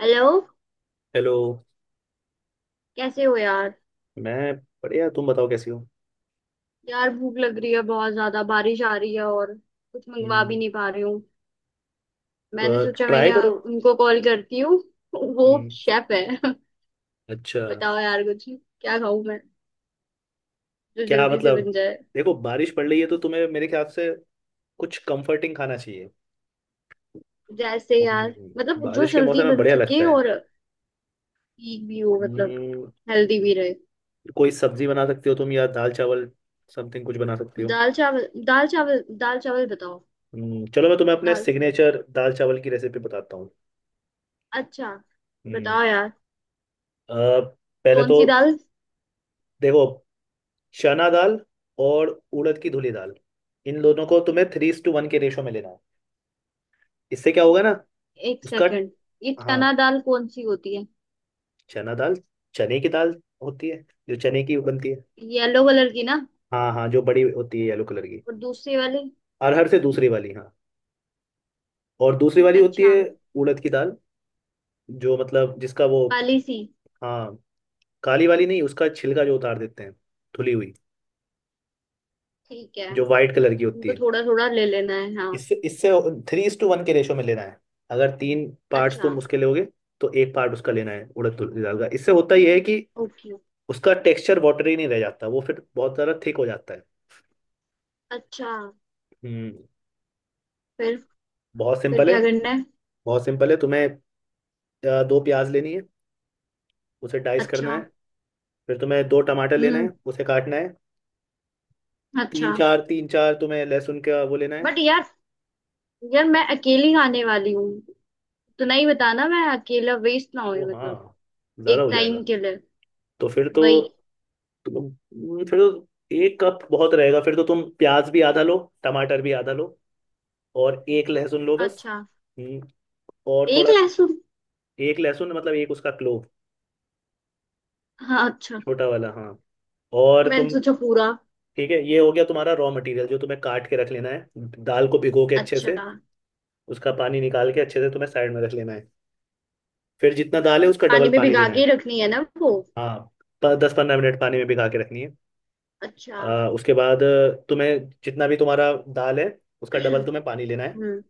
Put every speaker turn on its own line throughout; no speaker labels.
Hello.
Hello.
कैसे हो यार।
मैं बढ़िया। तुम बताओ कैसी हो।
यार भूख लग रही है बहुत ज्यादा, बारिश आ रही है और कुछ मंगवा भी
हम्म,
नहीं पा रही हूँ। मैंने सोचा मैं
ट्राई
यहाँ
करो।
उनको कॉल करती हूँ वो
हम्म।
शेफ है
अच्छा।
बताओ यार कुछ क्या खाऊं मैं, जो
क्या
जल्दी से
मतलब।
बन जाए।
देखो, बारिश पड़ रही है तो तुम्हें मेरे ख्याल से कुछ कंफर्टिंग खाना चाहिए।
जैसे यार, मतलब जो
बारिश के मौसम
जल्दी
में
बन
बढ़िया लगता
सके
है।
और ठीक भी हो, मतलब
हम्म,
हेल्दी भी रहे।
कोई सब्जी बना सकती हो तुम, या दाल चावल समथिंग कुछ बना सकती हो।
दाल चावल, दाल चावल, दाल चावल बताओ।
चलो, मैं तुम्हें अपने
दाल,
सिग्नेचर दाल चावल की रेसिपी बताता हूँ।
अच्छा,
हम्म,
बताओ यार।
अ, पहले
कौन
तो
सी दाल।
देखो, चना दाल और उड़द की धुली दाल, इन दोनों को तुम्हें 3:1 के रेशो में लेना। इससे क्या होगा ना
एक
उसका।
सेकंड, ये
हाँ।
चना दाल कौन सी होती है।
चना दाल, चने की दाल होती है जो चने की बनती है।
येलो कलर की ना।
हाँ हाँ, जो बड़ी होती है येलो कलर की।
और दूसरी वाली।
अरहर से दूसरी वाली, हाँ। और दूसरी वाली होती
अच्छा,
है उड़द की दाल, जो मतलब जिसका वो।
काली सी।
हाँ, काली वाली नहीं, उसका छिलका जो उतार देते हैं, धुली हुई।
ठीक है।
जो वाइट कलर की होती
इनको
है।
थोड़ा थोड़ा ले लेना है हाँ।
इससे इससे 3:1 के रेशो में लेना है। अगर 3 पार्ट्स
अच्छा।
तुम उसके लोगे तो एक पार्ट उसका लेना है, उड़द की दाल का। इससे होता यह है कि
ओके।
उसका टेक्सचर वाटरी नहीं रह जाता, वो फिर बहुत ज़्यादा थिक हो जाता है।
अच्छा।
हम्म
फिर
बहुत
फिर
सिंपल है।
क्या करना है।
बहुत सिंपल है, तुम्हें दो प्याज लेनी है, उसे डाइस करना
अच्छा।
है। फिर तुम्हें दो टमाटर लेना है,
हम्म।
उसे काटना है।
अच्छा।
तीन चार तुम्हें लहसुन का वो लेना है।
बट यार, यार मैं अकेली आने वाली हूँ। इतना ही बताना, मैं अकेला वेस्ट ना हो,
ओ
मतलब
हाँ, ज़्यादा
एक
हो जाएगा।
टाइम के लिए।
तो फिर तो
वही।
तुम फिर तो 1 कप बहुत रहेगा। फिर तो तुम प्याज भी आधा लो, टमाटर भी आधा लो, और एक लहसुन लो बस।
अच्छा।
हम्म, और
एक
थोड़ा।
लहसुन।
एक लहसुन मतलब एक उसका क्लोव,
हाँ, अच्छा।
छोटा वाला। हाँ और
मैंने
तुम
सोचा पूरा।
ठीक है, ये हो गया तुम्हारा रॉ मटेरियल जो तुम्हें काट के रख लेना है। दाल को भिगो के अच्छे से
अच्छा।
उसका पानी निकाल के, अच्छे से तुम्हें साइड में रख लेना है। फिर जितना दाल है उसका
पानी
डबल
में
पानी
भिगा
लेना है।
के रखनी है ना वो।
हाँ, 10-15 मिनट पानी में भिगा के रखनी है।
अच्छा।
उसके बाद तुम्हें जितना भी तुम्हारा दाल है, उसका डबल तुम्हें पानी लेना है।
हम्म।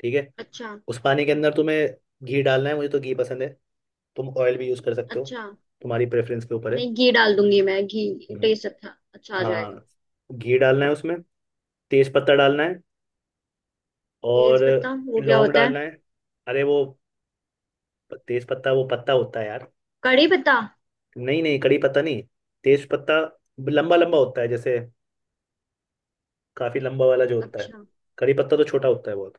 ठीक है।
अच्छा।
उस पानी के अंदर तुम्हें घी डालना है, मुझे तो घी पसंद है। तुम ऑयल भी यूज़ कर सकते हो,
अच्छा,
तुम्हारी प्रेफरेंस के ऊपर है।
नहीं घी डाल दूंगी मैं, घी
हम्म।
टेस्ट अच्छा अच्छा आ जाएगा।
हाँ, घी डालना है उसमें, तेज पत्ता डालना है, और
तेज पत्ता वो क्या
लौंग
होता है।
डालना है। अरे वो, तेज पत्ता वो पत्ता होता है यार।
कड़ी पत्ता।
नहीं नहीं, कड़ी पत्ता नहीं, तेज पत्ता। लंबा लंबा होता है जैसे, काफी लंबा वाला जो होता है।
अच्छा।
कड़ी पत्ता तो छोटा होता है बहुत।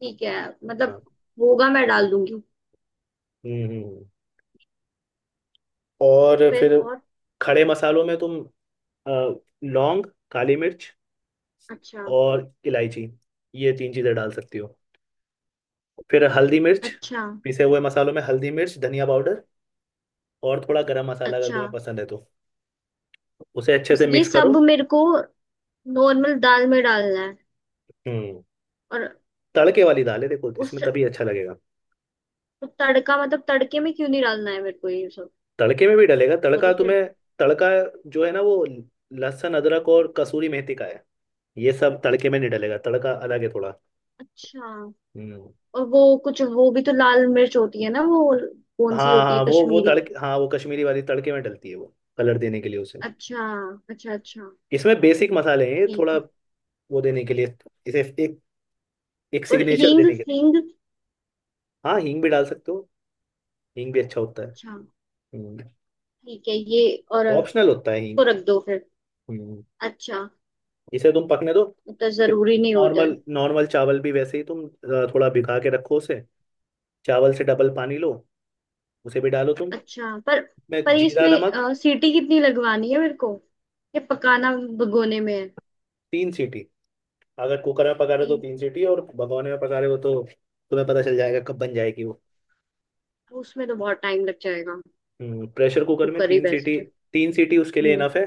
ठीक है, मतलब
हाँ।
होगा, मैं डाल दूंगी।
हम्म हम्म, हम्म। और
फिर
फिर
और।
खड़े मसालों में तुम अ, लौंग, काली मिर्च
अच्छा।
और इलायची, ये तीन चीजें डाल सकती हो। फिर हल्दी मिर्च,
अच्छा।
पिसे हुए मसालों में हल्दी मिर्च, धनिया पाउडर और थोड़ा गरम मसाला अगर
अच्छा।
तुम्हें पसंद है तो। उसे अच्छे से
ये
मिक्स करो।
सब मेरे को नॉर्मल दाल में डालना है
हम्म
और
तड़के वाली दाल है देखो,
उस,
इसमें तभी अच्छा लगेगा।
तड़का मतलब तड़के में क्यों नहीं डालना है मेरे को ये सब।
तड़के में भी डलेगा
वो
तड़का
तो फिर।
तुम्हें। तड़का जो है ना, वो लहसुन, अदरक और कसूरी मेथी का है। ये सब तड़के में नहीं डलेगा, तड़का अलग है थोड़ा।
अच्छा।
हम्म।
और वो कुछ, वो भी तो लाल मिर्च होती है ना वो, कौन सी
हाँ
होती है,
हाँ, वो
कश्मीरी।
तड़के, हाँ वो कश्मीरी वाली तड़के में डलती है, वो कलर देने के लिए उसे।
अच्छा, अच्छा अच्छा।
इसमें बेसिक मसाले हैं ये,
ठीक
थोड़ा
है
वो देने के लिए, इसे एक एक
और
सिग्नेचर
हींग,
देने के लिए।
हींग।
हाँ, हींग भी डाल सकते हो। हींग भी अच्छा होता है,
अच्छा। ठीक है ये, और
ऑप्शनल होता है हींग।
को रख दो फिर।
हम्म।
अच्छा।
इसे तुम पकने दो।
मतलब जरूरी नहीं होता है।
नॉर्मल नॉर्मल चावल भी वैसे ही, तुम थोड़ा भिगा के रखो उसे। चावल से डबल पानी लो, उसे भी डालो तुम।
अच्छा पर
मैं
पर
जीरा
इसमें
नमक
सीटी कितनी लगवानी है मेरे को, ये पकाना भगोने में है।
3 सीटी। अगर कुकर में पका रहे हो तो
तीन।
3 सीटी, और भगोने में पका रहे हो तो तुम्हें पता चल जाएगा कब बन जाएगी वो।
उसमें तो बहुत टाइम लग जाएगा।
प्रेशर कुकर में
कुकर ही
3 सीटी।
बेस्ट है।
3 सीटी उसके लिए
हम्म।
इनफ है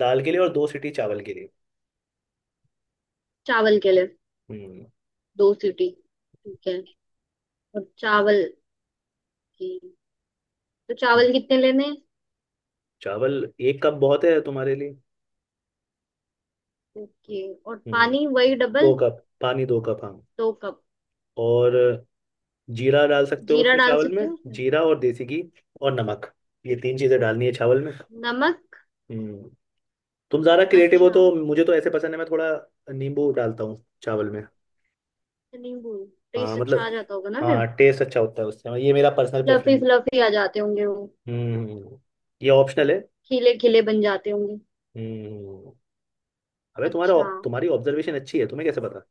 दाल के लिए, और 2 सीटी चावल के लिए।
चावल के लिए।
हम्म
दो सीटी, ठीक है। और चावल की, तो
हम्म,
चावल कितने लेने हैं।
चावल 1 कप बहुत है तुम्हारे लिए।
ओके। और
हम्म
पानी वही
दो
डबल।
कप पानी, 2 कप हाँ।
दो कप।
और जीरा डाल सकते हो
जीरा
उसमें,
डाल
चावल
सकती
में।
हूँ।
जीरा और देसी घी और नमक, ये तीन चीजें
उसमें,
डालनी है चावल में।
नमक।
हम्म तुम ज्यादा क्रिएटिव हो
अच्छा।
तो। मुझे तो ऐसे पसंद है, मैं थोड़ा नींबू डालता हूँ चावल में।
नींबू,
हाँ
टेस्ट अच्छा आ
मतलब,
जाता होगा ना फिर।
हाँ टेस्ट अच्छा होता है उससे। हाँ, ये मेरा पर्सनल
फ्लफी
प्रेफरेंस।
फ्लफी आ जाते होंगे वो,
हम्म ये ऑप्शनल है।
खिले खिले बन जाते होंगे।
हम्म अबे तुम्हारा
अच्छा।
तुम्हारी ऑब्जर्वेशन अच्छी है, तुम्हें कैसे पता?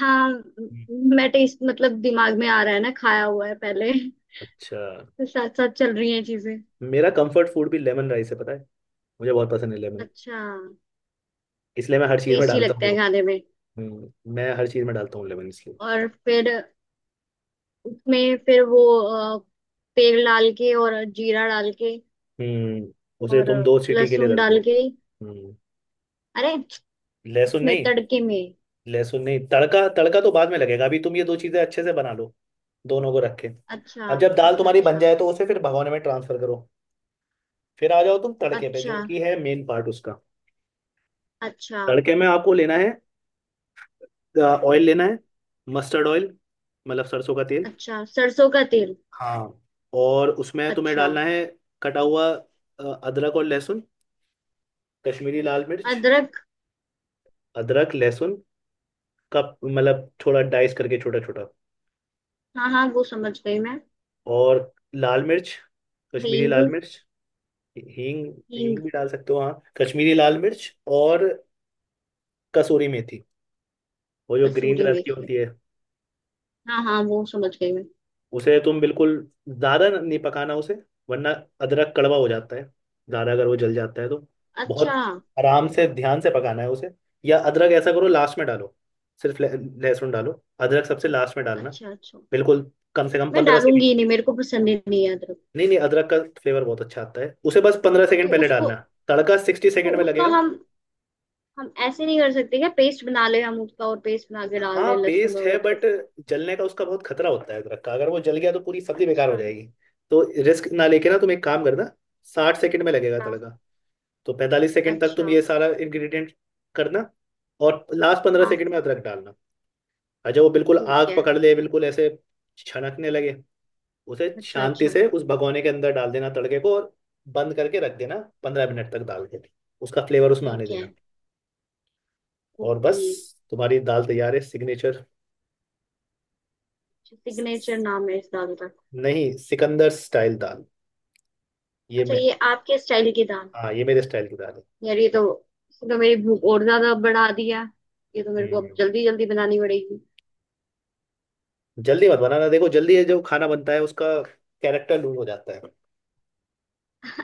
हाँ
हम्म।
मैं टेस्ट मतलब दिमाग में आ रहा है ना, खाया हुआ है पहले,
अच्छा,
तो साथ साथ चल रही हैं चीजें।
मेरा कंफर्ट फूड भी लेमन राइस है पता है। मुझे बहुत पसंद है लेमन,
अच्छा।
इसलिए मैं हर चीज़ में
टेस्टी
डालता
लगता
हूँ वो।
है खाने में।
मैं हर चीज़ में डालता हूँ लेमन इसलिए।
और फिर उसमें फिर वो, तेल डाल के और जीरा डाल के।
हम्म उसे
और
तुम 2 सीटी के लिए
लहसुन
रख
डाल
दो।
के,
हम्म
अरे
लहसुन
उसमें
नहीं,
तड़के में।
लहसुन नहीं, तड़का तड़का तो बाद में लगेगा, अभी तुम ये दो चीज़ें अच्छे से बना लो। दोनों को रखे।
अच्छा
अब जब दाल
अच्छा।
तुम्हारी बन
अच्छा।
जाए तो उसे फिर भगोने में ट्रांसफर करो। फिर आ जाओ तुम तड़के पे,
अच्छा।
जो कि है मेन पार्ट उसका।
अच्छा।
तड़के में आपको लेना है, ऑयल लेना है, मस्टर्ड ऑयल मतलब सरसों का तेल।
अच्छा। सरसों का तेल।
हाँ। और उसमें तुम्हें
अच्छा।
डालना है कटा हुआ अदरक और लहसुन, कश्मीरी लाल मिर्च।
अदरक।
अदरक लहसुन का मतलब थोड़ा डाइस करके, छोटा छोटा।
हाँ हाँ वो समझ गई मैं।
और लाल मिर्च, कश्मीरी
हींग,
लाल मिर्च। हींग,
हींग।
हींग भी डाल सकते हो, हाँ। कश्मीरी लाल मिर्च और कसूरी मेथी, वो जो ग्रीन
कसूरी
कलर की
मेथी,
होती है।
हाँ हाँ वो समझ गई मैं।
उसे तुम बिल्कुल ज्यादा नहीं पकाना उसे, वरना अदरक कड़वा हो जाता है, ज्यादा अगर वो जल जाता है तो।
अच्छा।
बहुत आराम से, ध्यान से पकाना है उसे। या अदरक ऐसा करो, लास्ट में डालो। सिर्फ लहसुन डालो, अदरक सबसे लास्ट में डालना।
अच्छा। अच्छा,
बिल्कुल कम से कम
मैं
15 सेकेंड।
डालूंगी ही नहीं, मेरे को पसंद ही नहीं है अदरक।
नहीं नहीं, अदरक का फ्लेवर बहुत अच्छा आता है उसे, बस पंद्रह
तो
सेकेंड पहले
उसको,
डालना। तड़का सिक्सटी
तो
सेकेंड में
उसका,
लगेगा।
हम ऐसे नहीं कर सकते क्या, पेस्ट बना ले हम उसका और पेस्ट बना के डाल
हाँ,
दें लहसुन
पेस्ट
और
है
अदरक
बट
का।
जलने का उसका बहुत खतरा होता है अदरक का, अगर वो जल गया तो पूरी सब्जी बेकार हो
अच्छा।
जाएगी। तो रिस्क ना लेके ना, तुम एक काम करना। 60 सेकंड में लगेगा
हाँ।
तड़का, तो 45 सेकंड तक
अच्छा।
तुम ये सारा इंग्रेडिएंट करना, और लास्ट पंद्रह
हाँ।
सेकंड में अदरक डालना। और जब वो बिल्कुल
ठीक
आग
है।
पकड़ ले, बिल्कुल ऐसे छनकने लगे, उसे
अच्छा
शांति
अच्छा।
से उस भगोने के अंदर डाल देना तड़के को, और बंद करके रख देना 15 मिनट तक दाल के। उसका फ्लेवर उसमें आने
ठीक है।
देना। और
ओके।
बस, तुम्हारी दाल तैयार है सिग्नेचर।
सिग्नेचर नाम है इस दाल का।
नहीं, सिकंदर स्टाइल दाल ये
अच्छा,
मैं।
ये आपके स्टाइल की दाल है।
हाँ, ये मेरे स्टाइल की दाल है।
यार ये तो, इसने तो मेरी भूख और ज्यादा बढ़ा दिया। ये तो मेरे को अब
हम्म
जल्दी जल्दी बनानी पड़ेगी।
जल्दी मत बनाना। देखो जल्दी ये जो खाना बनता है, उसका कैरेक्टर लूज हो जाता है।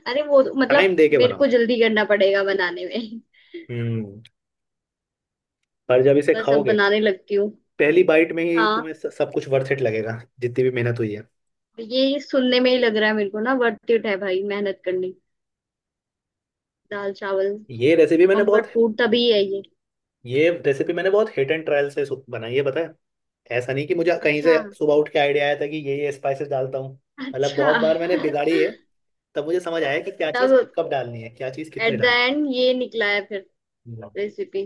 अरे वो तो- मतलब
टाइम दे के
मेरे को
बनाओ।
जल्दी करना पड़ेगा बनाने में
हम्म पर जब इसे
बस अब
खाओगे,
बनाने लगती हूँ।
पहली बाइट में ही
हाँ,
तुम्हें सब कुछ वर्थ इट लगेगा, जितनी भी मेहनत हुई है।
ये सुनने में ही लग रहा है मेरे को ना, वर्थ इट है भाई मेहनत करनी। दाल चावल
ये रेसिपी मैंने बहुत
कंफर्ट फूड तभी है ये।
ये रेसिपी मैंने बहुत हिट एंड ट्रायल से बनाई है पता है। ऐसा नहीं कि मुझे कहीं
अच्छा।
से सुबह उठ के आइडिया आया था कि ये स्पाइसेस डालता हूँ। मतलब
अच्छा
बहुत बार मैंने बिगाड़ी है। तब मुझे समझ आया कि क्या चीज़
तब,
कब डालनी है, क्या चीज़
एट
कितने
द
डालनी
एंड ये निकला है फिर
है।
रेसिपी।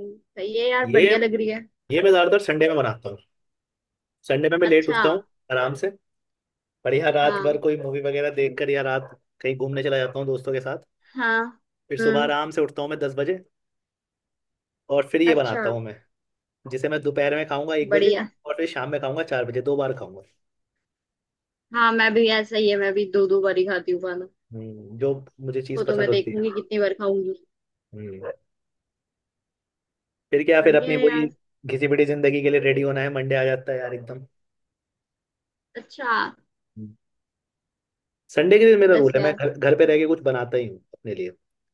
सही है यार,
ये
बढ़िया लग रही है।
ये मैं ज्यादातर संडे में बनाता हूँ। संडे में मैं लेट
अच्छा।
उठता हूँ आराम से। बढ़िया, रात भर
हाँ
कोई मूवी वगैरह देख कर, या रात कहीं घूमने चला जाता हूँ दोस्तों के साथ।
हाँ।
फिर सुबह
हम्म।
आराम से उठता हूँ मैं 10 बजे। और फिर ये
अच्छा।
बनाता हूँ मैं, जिसे मैं दोपहर में खाऊंगा 1 बजे,
बढ़िया।
और फिर शाम में खाऊंगा 4 बजे, दो बार खाऊंगा।
हाँ मैं भी, ऐसा ही है, मैं भी दो दो बार ही खाती हूँ खाना।
जो मुझे
वो
चीज़
तो मैं
पसंद होती है।
देखूंगी कितनी बार खाऊंगी।
हम्म। फिर क्या, फिर
बढ़िया
अपनी
है
वही
यार।
घिसी पिटी जिंदगी के लिए रेडी होना है, मंडे आ जाता है यार एकदम।
अच्छा।
हम्म। संडे के दिन मेरा रूल
बस
है, मैं
यार,
घर घर पे रह के कुछ बनाता ही हूँ अपने लिए।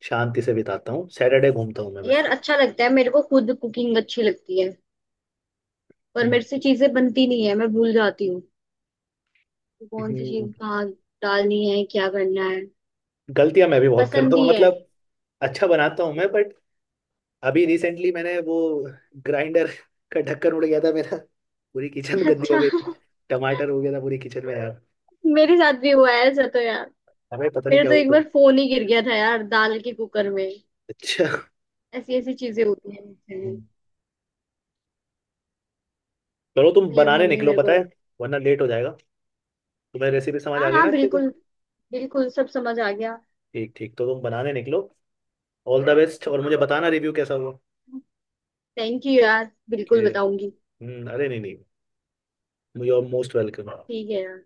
शांति से बिताता हूँ, सैटरडे घूमता हूँ मैं बस।
यार अच्छा लगता है मेरे को, खुद कुकिंग अच्छी लगती है। पर
हम्म।
मेरे से चीजें बनती नहीं है, मैं भूल जाती हूँ कि कौन सी चीज
हम्म,
कहाँ डालनी है क्या करना है।
गलतियां मैं भी बहुत करता
पसंद
हूँ
ही है।
मतलब। अच्छा बनाता हूँ मैं बट, अभी रिसेंटली मैंने वो ग्राइंडर का ढक्कन उड़ गया था मेरा। पूरी किचन गंदी हो
अच्छा।
गई थी। टमाटर हो गया था पूरी किचन में यार।
मेरे साथ भी हुआ है ऐसा तो यार।
हमें पता नहीं
मेरा
क्या
तो
हुआ
एक
था।
बार फोन ही गिर गया था यार दाल के कुकर में।
अच्छा,
ऐसी ऐसी चीजें होती हैं मुझसे भी।
चलो तुम
इसलिए
बनाने
मम्मी
निकलो
मेरे
पता
को।
है, वरना लेट हो जाएगा। तुम्हें रेसिपी समझ
हाँ
आ गई ना
हाँ
अच्छे से?
बिल्कुल, बिल्कुल सब समझ आ गया।
ठीक ठीक, तो तुम बनाने निकलो। ऑल द बेस्ट, और मुझे बताना रिव्यू कैसा हुआ।
थैंक यू यार, बिल्कुल
ओके।
बताऊंगी।
अरे नहीं नहीं, यू आर मोस्ट वेलकम।
ठीक है यार।